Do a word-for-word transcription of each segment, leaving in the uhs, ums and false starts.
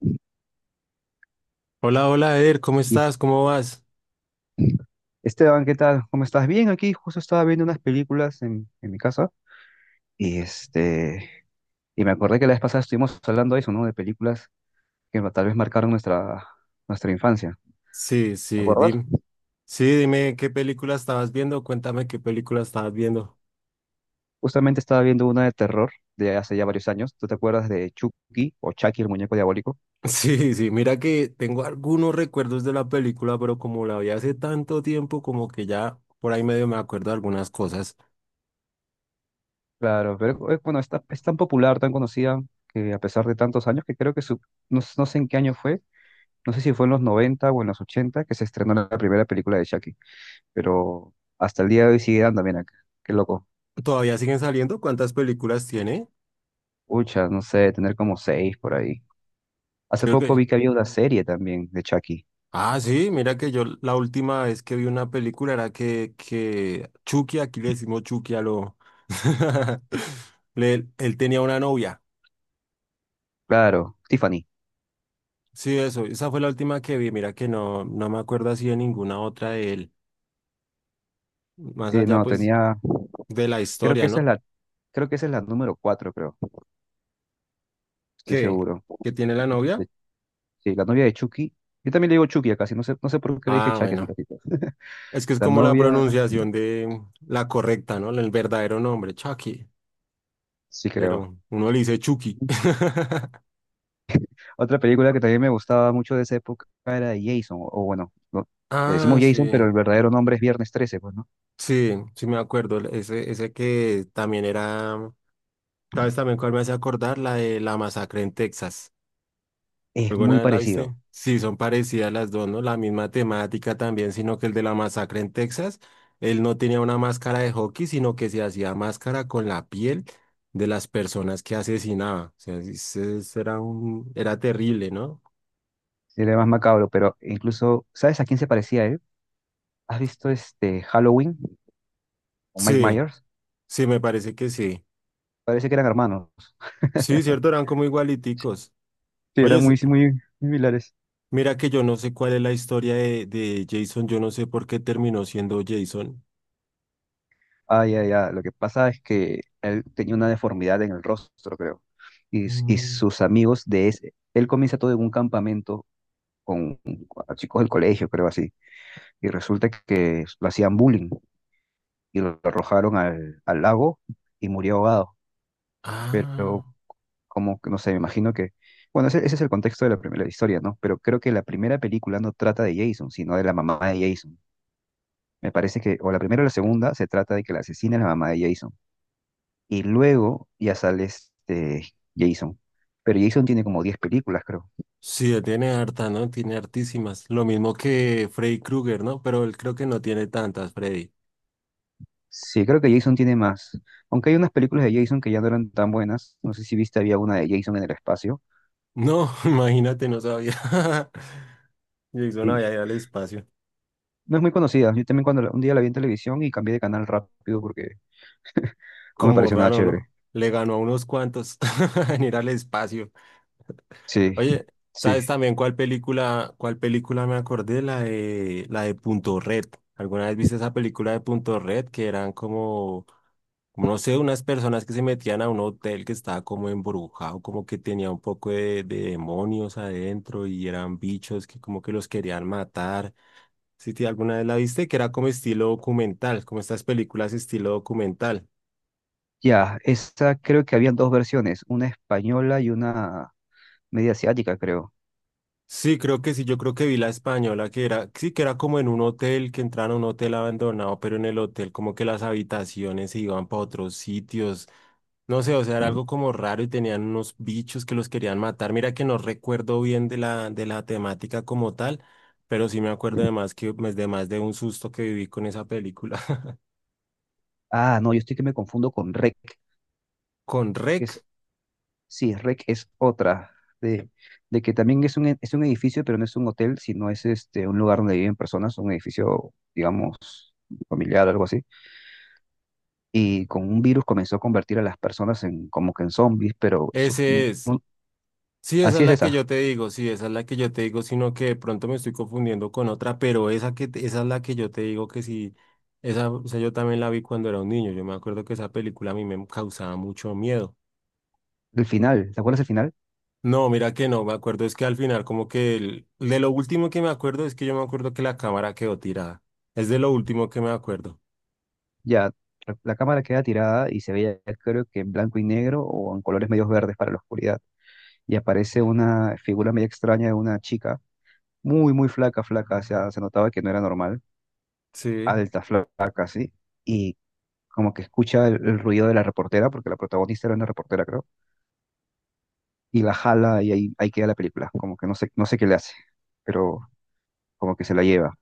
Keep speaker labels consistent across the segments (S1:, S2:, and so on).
S1: Y
S2: Hola, hola, Eder, ¿cómo
S1: es-
S2: estás? ¿Cómo vas?
S1: Esteban, ¿qué tal? ¿Cómo estás? Bien, aquí justo estaba viendo unas películas en, en mi casa y este y me acordé que la vez pasada estuvimos hablando de eso, ¿no? De películas que ma- tal vez marcaron nuestra, nuestra infancia.
S2: Sí,
S1: ¿Te
S2: sí,
S1: acuerdas?
S2: dime. Sí, dime qué película estabas viendo, cuéntame qué película estabas viendo.
S1: Justamente estaba viendo una de terror de hace ya varios años. ¿Tú te acuerdas de Chucky o Chucky, el muñeco diabólico?
S2: Sí, sí, mira que tengo algunos recuerdos de la película, pero como la vi hace tanto tiempo, como que ya por ahí medio me acuerdo de algunas cosas.
S1: Claro, pero eh, bueno, está, es tan popular, tan conocida, que a pesar de tantos años, que creo que su, no, no sé en qué año fue, no sé si fue en los noventa o en los ochenta que se estrenó la primera película de Chucky, pero hasta el día de hoy sigue dando bien acá. Qué loco.
S2: ¿Todavía siguen saliendo? ¿Cuántas películas tiene?
S1: Ucha, no sé, tener como seis por ahí. Hace
S2: Sí,
S1: poco
S2: ok.
S1: vi que había una serie también de Chucky.
S2: Ah, sí, mira que yo la última vez que vi una película era que, que Chucky, aquí le decimos Chucky a lo... le- él tenía una novia.
S1: Claro, Tiffany.
S2: Sí, eso, esa fue la última que vi, mira que no, no me acuerdo así de ninguna otra de él, más
S1: Sí,
S2: allá
S1: no,
S2: pues
S1: tenía,
S2: de la
S1: creo que
S2: historia,
S1: esa es
S2: ¿no?
S1: la, creo que esa es la número cuatro, creo, estoy
S2: ¿Qué?
S1: seguro.
S2: ¿Que tiene la novia?
S1: De- Sí, la novia de Chucky. Yo también le digo Chucky acá, sí, no sé, no sé por qué le dije
S2: Ah,
S1: Chucky hace un
S2: bueno,
S1: ratito.
S2: es que es
S1: La
S2: como la
S1: novia,
S2: pronunciación de la correcta, ¿no? El verdadero nombre, Chucky,
S1: sí creo.
S2: pero uno le dice Chucky.
S1: Otra película que también me gustaba mucho de esa época era Jason, o bueno, no, le
S2: Ah,
S1: decimos Jason,
S2: sí,
S1: pero el verdadero nombre es Viernes trece, pues, ¿no?
S2: sí, sí me acuerdo, ese, ese que también era, ¿sabes también cuál me hace acordar? La de la masacre en Texas.
S1: Es
S2: ¿Alguna
S1: muy
S2: vez la viste?
S1: parecido.
S2: Sí, son parecidas las dos, ¿no? La misma temática también, sino que el de la masacre en Texas, él no tenía una máscara de hockey, sino que se hacía máscara con la piel de las personas que asesinaba. O sea, ese- ese era un, era terrible, ¿no?
S1: Sí, era más macabro, pero incluso, ¿sabes a quién se parecía él? ¿Has visto este Halloween o Mike
S2: Sí,
S1: Myers?
S2: sí, me parece que sí.
S1: Parece que eran hermanos.
S2: Sí, cierto, eran como igualiticos.
S1: Sí,
S2: Oye,
S1: eran
S2: s-
S1: muy, muy, muy similares.
S2: mira que yo no sé cuál es la historia de, de Jason, yo no sé por qué terminó siendo Jason.
S1: Ah, ya, ya. Lo que pasa es que él tenía una deformidad en el rostro, creo. Y, s- y
S2: Mm.
S1: sus amigos de ese. Él comienza todo en un campamento con, con chicos del colegio, creo así. Y resulta que lo hacían bullying y lo arrojaron al, al lago y murió ahogado. Pero
S2: Ah.
S1: como, que, no sé, me imagino que, bueno, ese, ese es el contexto de la primera historia, ¿no? Pero creo que la primera película no trata de Jason, sino de la mamá de Jason. Me parece que, o la primera o la segunda, se trata de que la asesina es la mamá de Jason. Y luego ya sale este Jason. Pero Jason tiene como diez películas, creo.
S2: Sí, tiene harta, ¿no? Tiene hartísimas. Lo mismo que Freddy Krueger, ¿no? Pero él creo que no tiene tantas, Freddy.
S1: Sí, creo que Jason tiene más. Aunque hay unas películas de Jason que ya no eran tan buenas. No sé si viste, había una de Jason en el espacio.
S2: No, imagínate, no sabía. Jason había
S1: Y
S2: ido al espacio.
S1: no es muy conocida. Yo también cuando la- un día la vi en televisión y cambié de canal rápido porque no me
S2: Como
S1: pareció nada
S2: raro,
S1: chévere.
S2: ¿no? Le ganó a unos cuantos en ir al espacio.
S1: Sí,
S2: Oye,
S1: sí.
S2: ¿sabes también cuál película, cuál película me acordé? La de, la de Punto Red. ¿Alguna vez viste esa película de Punto Red? Que eran como como no sé, unas personas que se metían a un hotel que estaba como embrujado, como que tenía un poco de, de demonios adentro y eran bichos que como que los querían matar. Si te alguna vez la viste, que era como estilo documental, como estas películas estilo documental.
S1: Ya, esa creo que habían dos versiones, una española y una media asiática, creo.
S2: Sí, creo que sí, yo creo que vi la española que era, sí, que era como en un hotel, que entraron a un hotel abandonado, pero en el hotel como que las habitaciones se iban para otros sitios. No sé, o sea, era algo como raro y tenían unos bichos que los querían matar. Mira que no recuerdo bien de la, de la temática como tal, pero sí me acuerdo de más que pues, de más de un susto que viví con esa película.
S1: Ah, no, yo estoy que me confundo con REC.
S2: Con
S1: que
S2: Rec,
S1: Es, sí, REC es otra, de, de que también es un, e- es un edificio, pero no es un hotel, sino es este, un lugar donde viven personas, un edificio, digamos, familiar, algo así. Y con un virus comenzó a convertir a las personas en como que en zombies, pero eso, fue
S2: ese
S1: un-
S2: es.
S1: un-
S2: Sí, esa
S1: así
S2: es
S1: es
S2: la que
S1: esa,
S2: yo te digo, sí, esa es la que yo te digo, sino que de pronto me estoy confundiendo con otra, pero esa que te- esa es la que yo te digo que sí, esa, o sea, yo también la vi cuando era un niño. Yo me acuerdo que esa película a mí me causaba mucho miedo.
S1: el final, ¿te acuerdas el final?
S2: No, mira que no, me acuerdo, es que al final como que el- de lo último que me acuerdo es que yo me acuerdo que la cámara quedó tirada. Es de lo último que me acuerdo.
S1: Ya, la la cámara queda tirada y se veía, creo que en blanco y negro o en colores medios verdes para la oscuridad. Y aparece una figura medio extraña de una chica, muy, muy flaca, flaca, o sea, se notaba que no era normal,
S2: Sí,
S1: alta, flaca, sí. Y como que escucha el, el ruido de la reportera, porque la protagonista era una reportera, creo, y la jala y ahí, ahí queda la película. Como que no sé, no sé qué le hace, pero como que se la lleva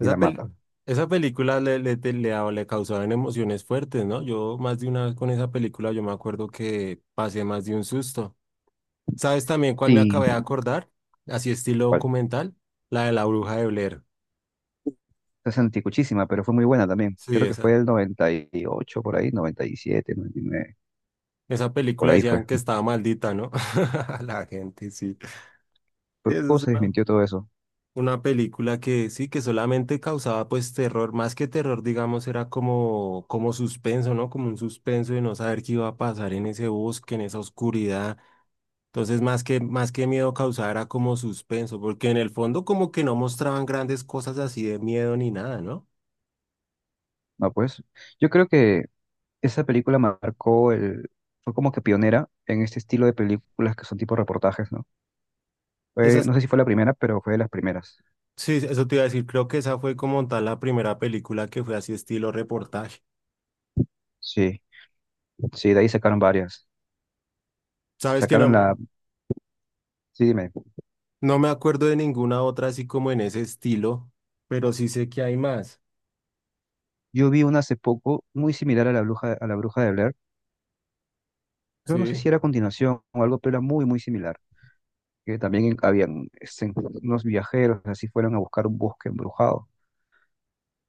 S1: y la mata.
S2: pel- esa película le, le, te- le, daba- le causaban emociones fuertes, ¿no? Yo más de una vez con esa película yo me acuerdo que pasé más de un susto. ¿Sabes también cuál me
S1: Sí,
S2: acabé de acordar? Así estilo
S1: bueno,
S2: documental, la de la bruja de Blair.
S1: es anticuchísima, pero fue muy buena también.
S2: Sí,
S1: Creo que
S2: esa.
S1: fue el noventa y ocho por ahí, noventa y siete, noventa y nueve.
S2: Esa
S1: Por
S2: película
S1: ahí
S2: decían
S1: fue.
S2: que estaba maldita, ¿no? La gente, sí. Sí,
S1: Pero
S2: eso
S1: luego
S2: es
S1: se
S2: una-
S1: desmintió todo eso.
S2: una película que sí, que solamente causaba pues terror, más que terror, digamos, era como, como suspenso, ¿no? Como un suspenso de no saber qué iba a pasar en ese bosque, en esa oscuridad. Entonces, más que, más que miedo causaba era como suspenso, porque en el fondo como que no mostraban grandes cosas así de miedo ni nada, ¿no?
S1: No, pues yo creo que esa película marcó el... Fue como que pionera en este estilo de películas que son tipo reportajes, ¿no? Fue-
S2: Esas,
S1: no sé si fue la primera, pero fue de las primeras.
S2: sí, eso te iba a decir, creo que esa fue como tal la primera película que fue así estilo reportaje.
S1: Sí, sí, de ahí sacaron varias.
S2: Sabes que
S1: Sacaron la...
S2: no,
S1: Sí, dime.
S2: no me acuerdo de ninguna otra así como en ese estilo, pero sí sé que hay más,
S1: Yo vi una hace poco muy similar a la bruja, a la bruja de Blair, pero no sé
S2: ¿sí?
S1: si era a continuación o algo, pero era muy, muy similar. Que también habían este, unos viajeros, así fueron a buscar un bosque embrujado,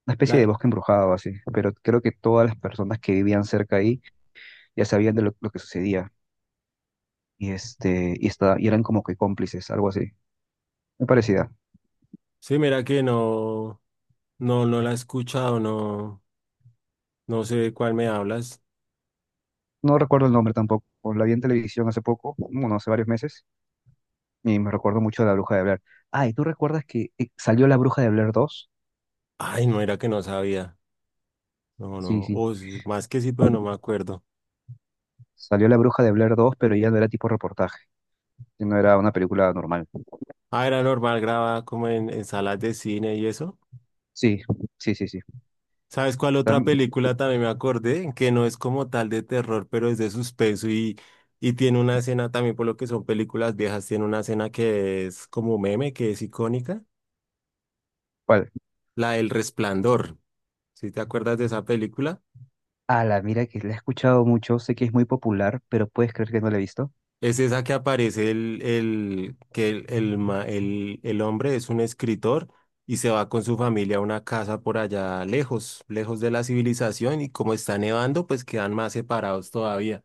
S1: una especie
S2: La...
S1: de bosque embrujado así, pero creo que todas las personas que vivían cerca ahí ya sabían de lo, lo que sucedía y este y esta- y eran como que cómplices, algo así. Me parecía.
S2: Sí, mira que no, no, no la he escuchado, no, no sé de cuál me hablas.
S1: No recuerdo el nombre tampoco. La vi en televisión hace poco, bueno, hace varios meses, y me recuerdo mucho de la Bruja de Blair. Ah, ¿y tú recuerdas que eh, salió la Bruja de Blair dos?
S2: Ay, no era que no sabía. No,
S1: Sí,
S2: no.
S1: sí.
S2: O sí, más que sí, pero no me acuerdo.
S1: Salió la Bruja de Blair dos, pero ya no era tipo reportaje, no era una película normal.
S2: Ah, era normal, grababa como en, en salas de cine y eso.
S1: Sí, sí, sí, sí.
S2: ¿Sabes cuál otra
S1: Tam-
S2: película también me acordé? Que no es como tal de terror, pero es de suspenso y, y tiene una escena también, por lo que son películas viejas, tiene una escena que es como meme, que es icónica,
S1: ¿Cuál?
S2: la del Resplandor. ¿Sí te acuerdas de esa película?
S1: Ah, la mira que la he escuchado mucho, sé que es muy popular, pero puedes creer que no la he visto.
S2: Es esa que aparece el, el, que el, el, ma- el- el hombre es un escritor y se va con su familia a una casa por allá lejos, lejos de la civilización y como está nevando, pues quedan más separados todavía.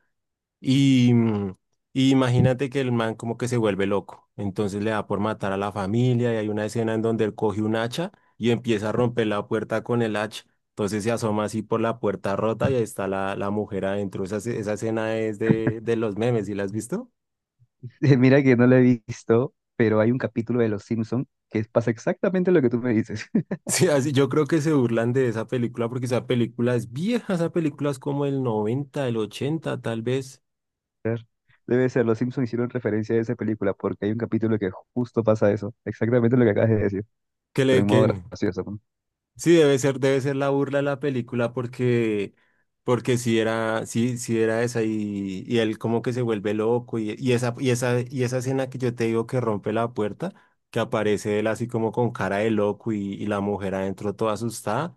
S2: Y, mm, y imagínate que el man como que se vuelve loco, entonces le da por matar a la familia y hay una escena en donde él coge un hacha y empieza a romper la puerta con el hacha. Entonces se asoma así por la puerta rota y ahí está la, la mujer adentro. Esa, esa escena es de, de los memes, ¿y la has visto?
S1: Mira que no lo he visto, pero hay un capítulo de Los Simpson que pasa exactamente lo que tú me dices.
S2: Sí, así- yo creo que se burlan de esa película porque esa película es vieja, esa película es como el noventa el ochenta tal vez.
S1: Debe ser, Los Simpson hicieron referencia a esa película porque hay un capítulo que justo pasa eso, exactamente lo que acabas de decir,
S2: Que le
S1: pero en
S2: que
S1: modo gracioso.
S2: sí debe ser, debe ser la burla de la película porque porque si era sí sí era esa y, y él como que se vuelve loco y, y esa y esa y esa escena que yo te digo que rompe la puerta, que aparece él así como con cara de loco y, y la mujer adentro toda asustada.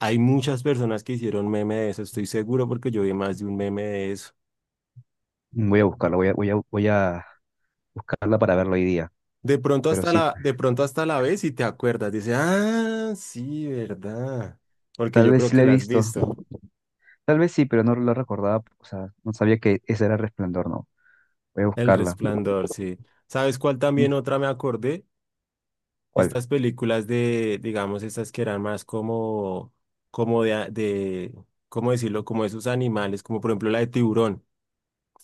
S2: Hay muchas personas que hicieron meme de eso, estoy seguro porque yo vi más de un meme de eso.
S1: ¿No? Voy a buscarla, voy a, voy a, voy a buscarla para verlo hoy día.
S2: De pronto
S1: Pero
S2: hasta
S1: sí,
S2: la, de pronto hasta la ves y te acuerdas. Dice, ah, sí, verdad. Porque
S1: tal
S2: yo
S1: vez
S2: creo
S1: sí
S2: que
S1: la he
S2: la has
S1: visto,
S2: visto.
S1: tal vez sí, pero no lo recordaba, o sea, no sabía que ese era Resplandor, no. Voy a
S2: El
S1: buscarla.
S2: Resplandor, sí. ¿Sabes cuál también
S1: Mm,
S2: otra me acordé?
S1: ¿cuál?
S2: Estas películas de, digamos, estas que eran más como, como de, a- de, ¿cómo decirlo? Como esos animales, como por ejemplo la de Tiburón.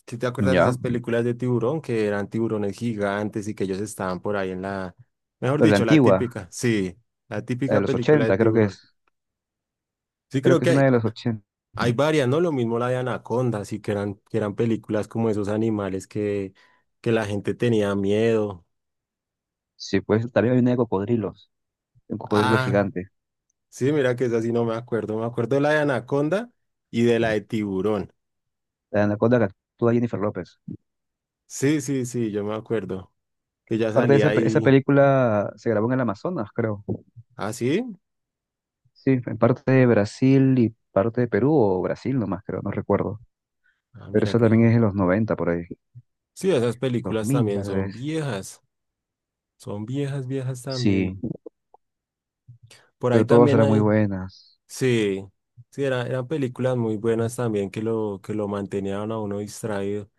S2: ¿Sí te acuerdas de
S1: Ya,
S2: esas películas de Tiburón que eran tiburones gigantes y que ellos estaban por ahí en la, mejor
S1: pero la
S2: dicho, la
S1: antigua,
S2: típica, sí, la
S1: la de
S2: típica
S1: los
S2: película de
S1: ochenta creo que
S2: Tiburón.
S1: es.
S2: Sí,
S1: Creo
S2: creo
S1: que es una
S2: que
S1: de los ochenta.
S2: hay varias, ¿no? Lo mismo la de Anaconda, sí, que eran, que eran películas como esos animales que, que la gente tenía miedo.
S1: Sí, pues también hay una de cocodrilos, de un cocodrilo
S2: Ah,
S1: gigante,
S2: sí, mira que esa sí no me acuerdo. Me acuerdo de la de Anaconda y de la de Tiburón.
S1: la anaconda que actúa Jennifer López.
S2: Sí, sí, sí, yo me acuerdo. Que ya
S1: Parte de
S2: salía
S1: esa, pe-
S2: ahí.
S1: esa película se grabó en el Amazonas, creo.
S2: Ah, sí.
S1: Sí, en parte de Brasil y parte de Perú, o Brasil nomás, creo, no recuerdo.
S2: Ah,
S1: Pero
S2: mira
S1: esa
S2: que.
S1: también es de los noventa por ahí,
S2: Sí, esas
S1: dos
S2: películas
S1: mil
S2: también
S1: tal
S2: son
S1: vez.
S2: viejas. Son viejas, viejas también.
S1: Sí,
S2: Por ahí
S1: pero todas
S2: también
S1: eran muy
S2: hay.
S1: buenas.
S2: Sí, sí, era- eran películas muy buenas también que lo, que lo mantenían a uno distraído.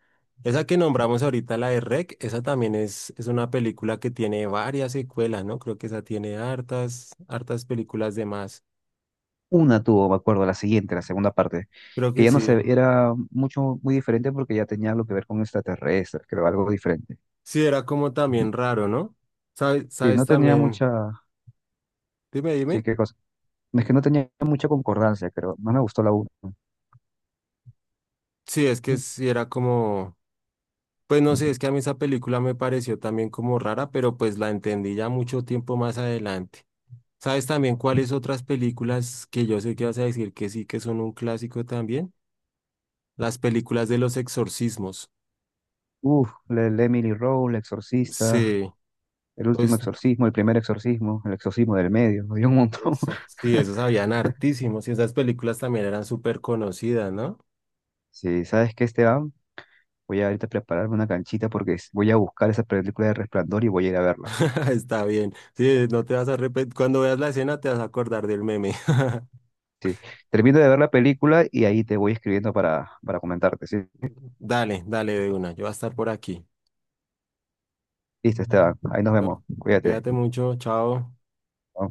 S2: Esa que nombramos ahorita, la de R E C, esa también es, es una película que tiene varias secuelas, ¿no? Creo que esa tiene hartas, hartas películas de más.
S1: Una tuvo, me acuerdo, la siguiente, la segunda parte,
S2: Creo
S1: que
S2: que
S1: ya no
S2: sí.
S1: se era mucho, muy diferente porque ya tenía algo que ver con extraterrestres, creo, algo diferente.
S2: Sí, era como también raro, ¿no? ¿Sabes,
S1: Sí,
S2: sabes
S1: no tenía
S2: también?
S1: mucha,
S2: Dime,
S1: sí,
S2: dime.
S1: que es que no tenía mucha concordancia, pero no me gustó la una.
S2: Sí, es que sí era como, pues no sé, es que a mí esa película me pareció también como rara, pero pues la entendí ya mucho tiempo más adelante. ¿Sabes también cuáles otras películas que yo sé que vas a decir que sí, que son un clásico también? Las películas de los exorcismos.
S1: Uf, la- el Emily Rose, El Exorcista,
S2: Sí,
S1: El Último
S2: pues
S1: Exorcismo, El Primer Exorcismo, El Exorcismo del Medio. Hay un montón.
S2: eso. Sí, esos habían hartísimos y esas películas también eran súper conocidas, ¿no?
S1: Sí, ¿sabes qué, Esteban? Voy a ahorita prepararme una canchita porque s- voy a buscar esa película de Resplandor y voy a ir a verla.
S2: Está bien. Sí, no te vas a repetir. Cuando veas la escena te vas a acordar del meme.
S1: Sí, termino de ver la película y ahí te voy escribiendo para, para comentarte. Sí,
S2: Dale, dale de una. Yo voy a estar por aquí.
S1: listo, Esteban. Ahí nos
S2: ¿No?
S1: vemos. Cuídate.
S2: Cuídate mucho. Chao.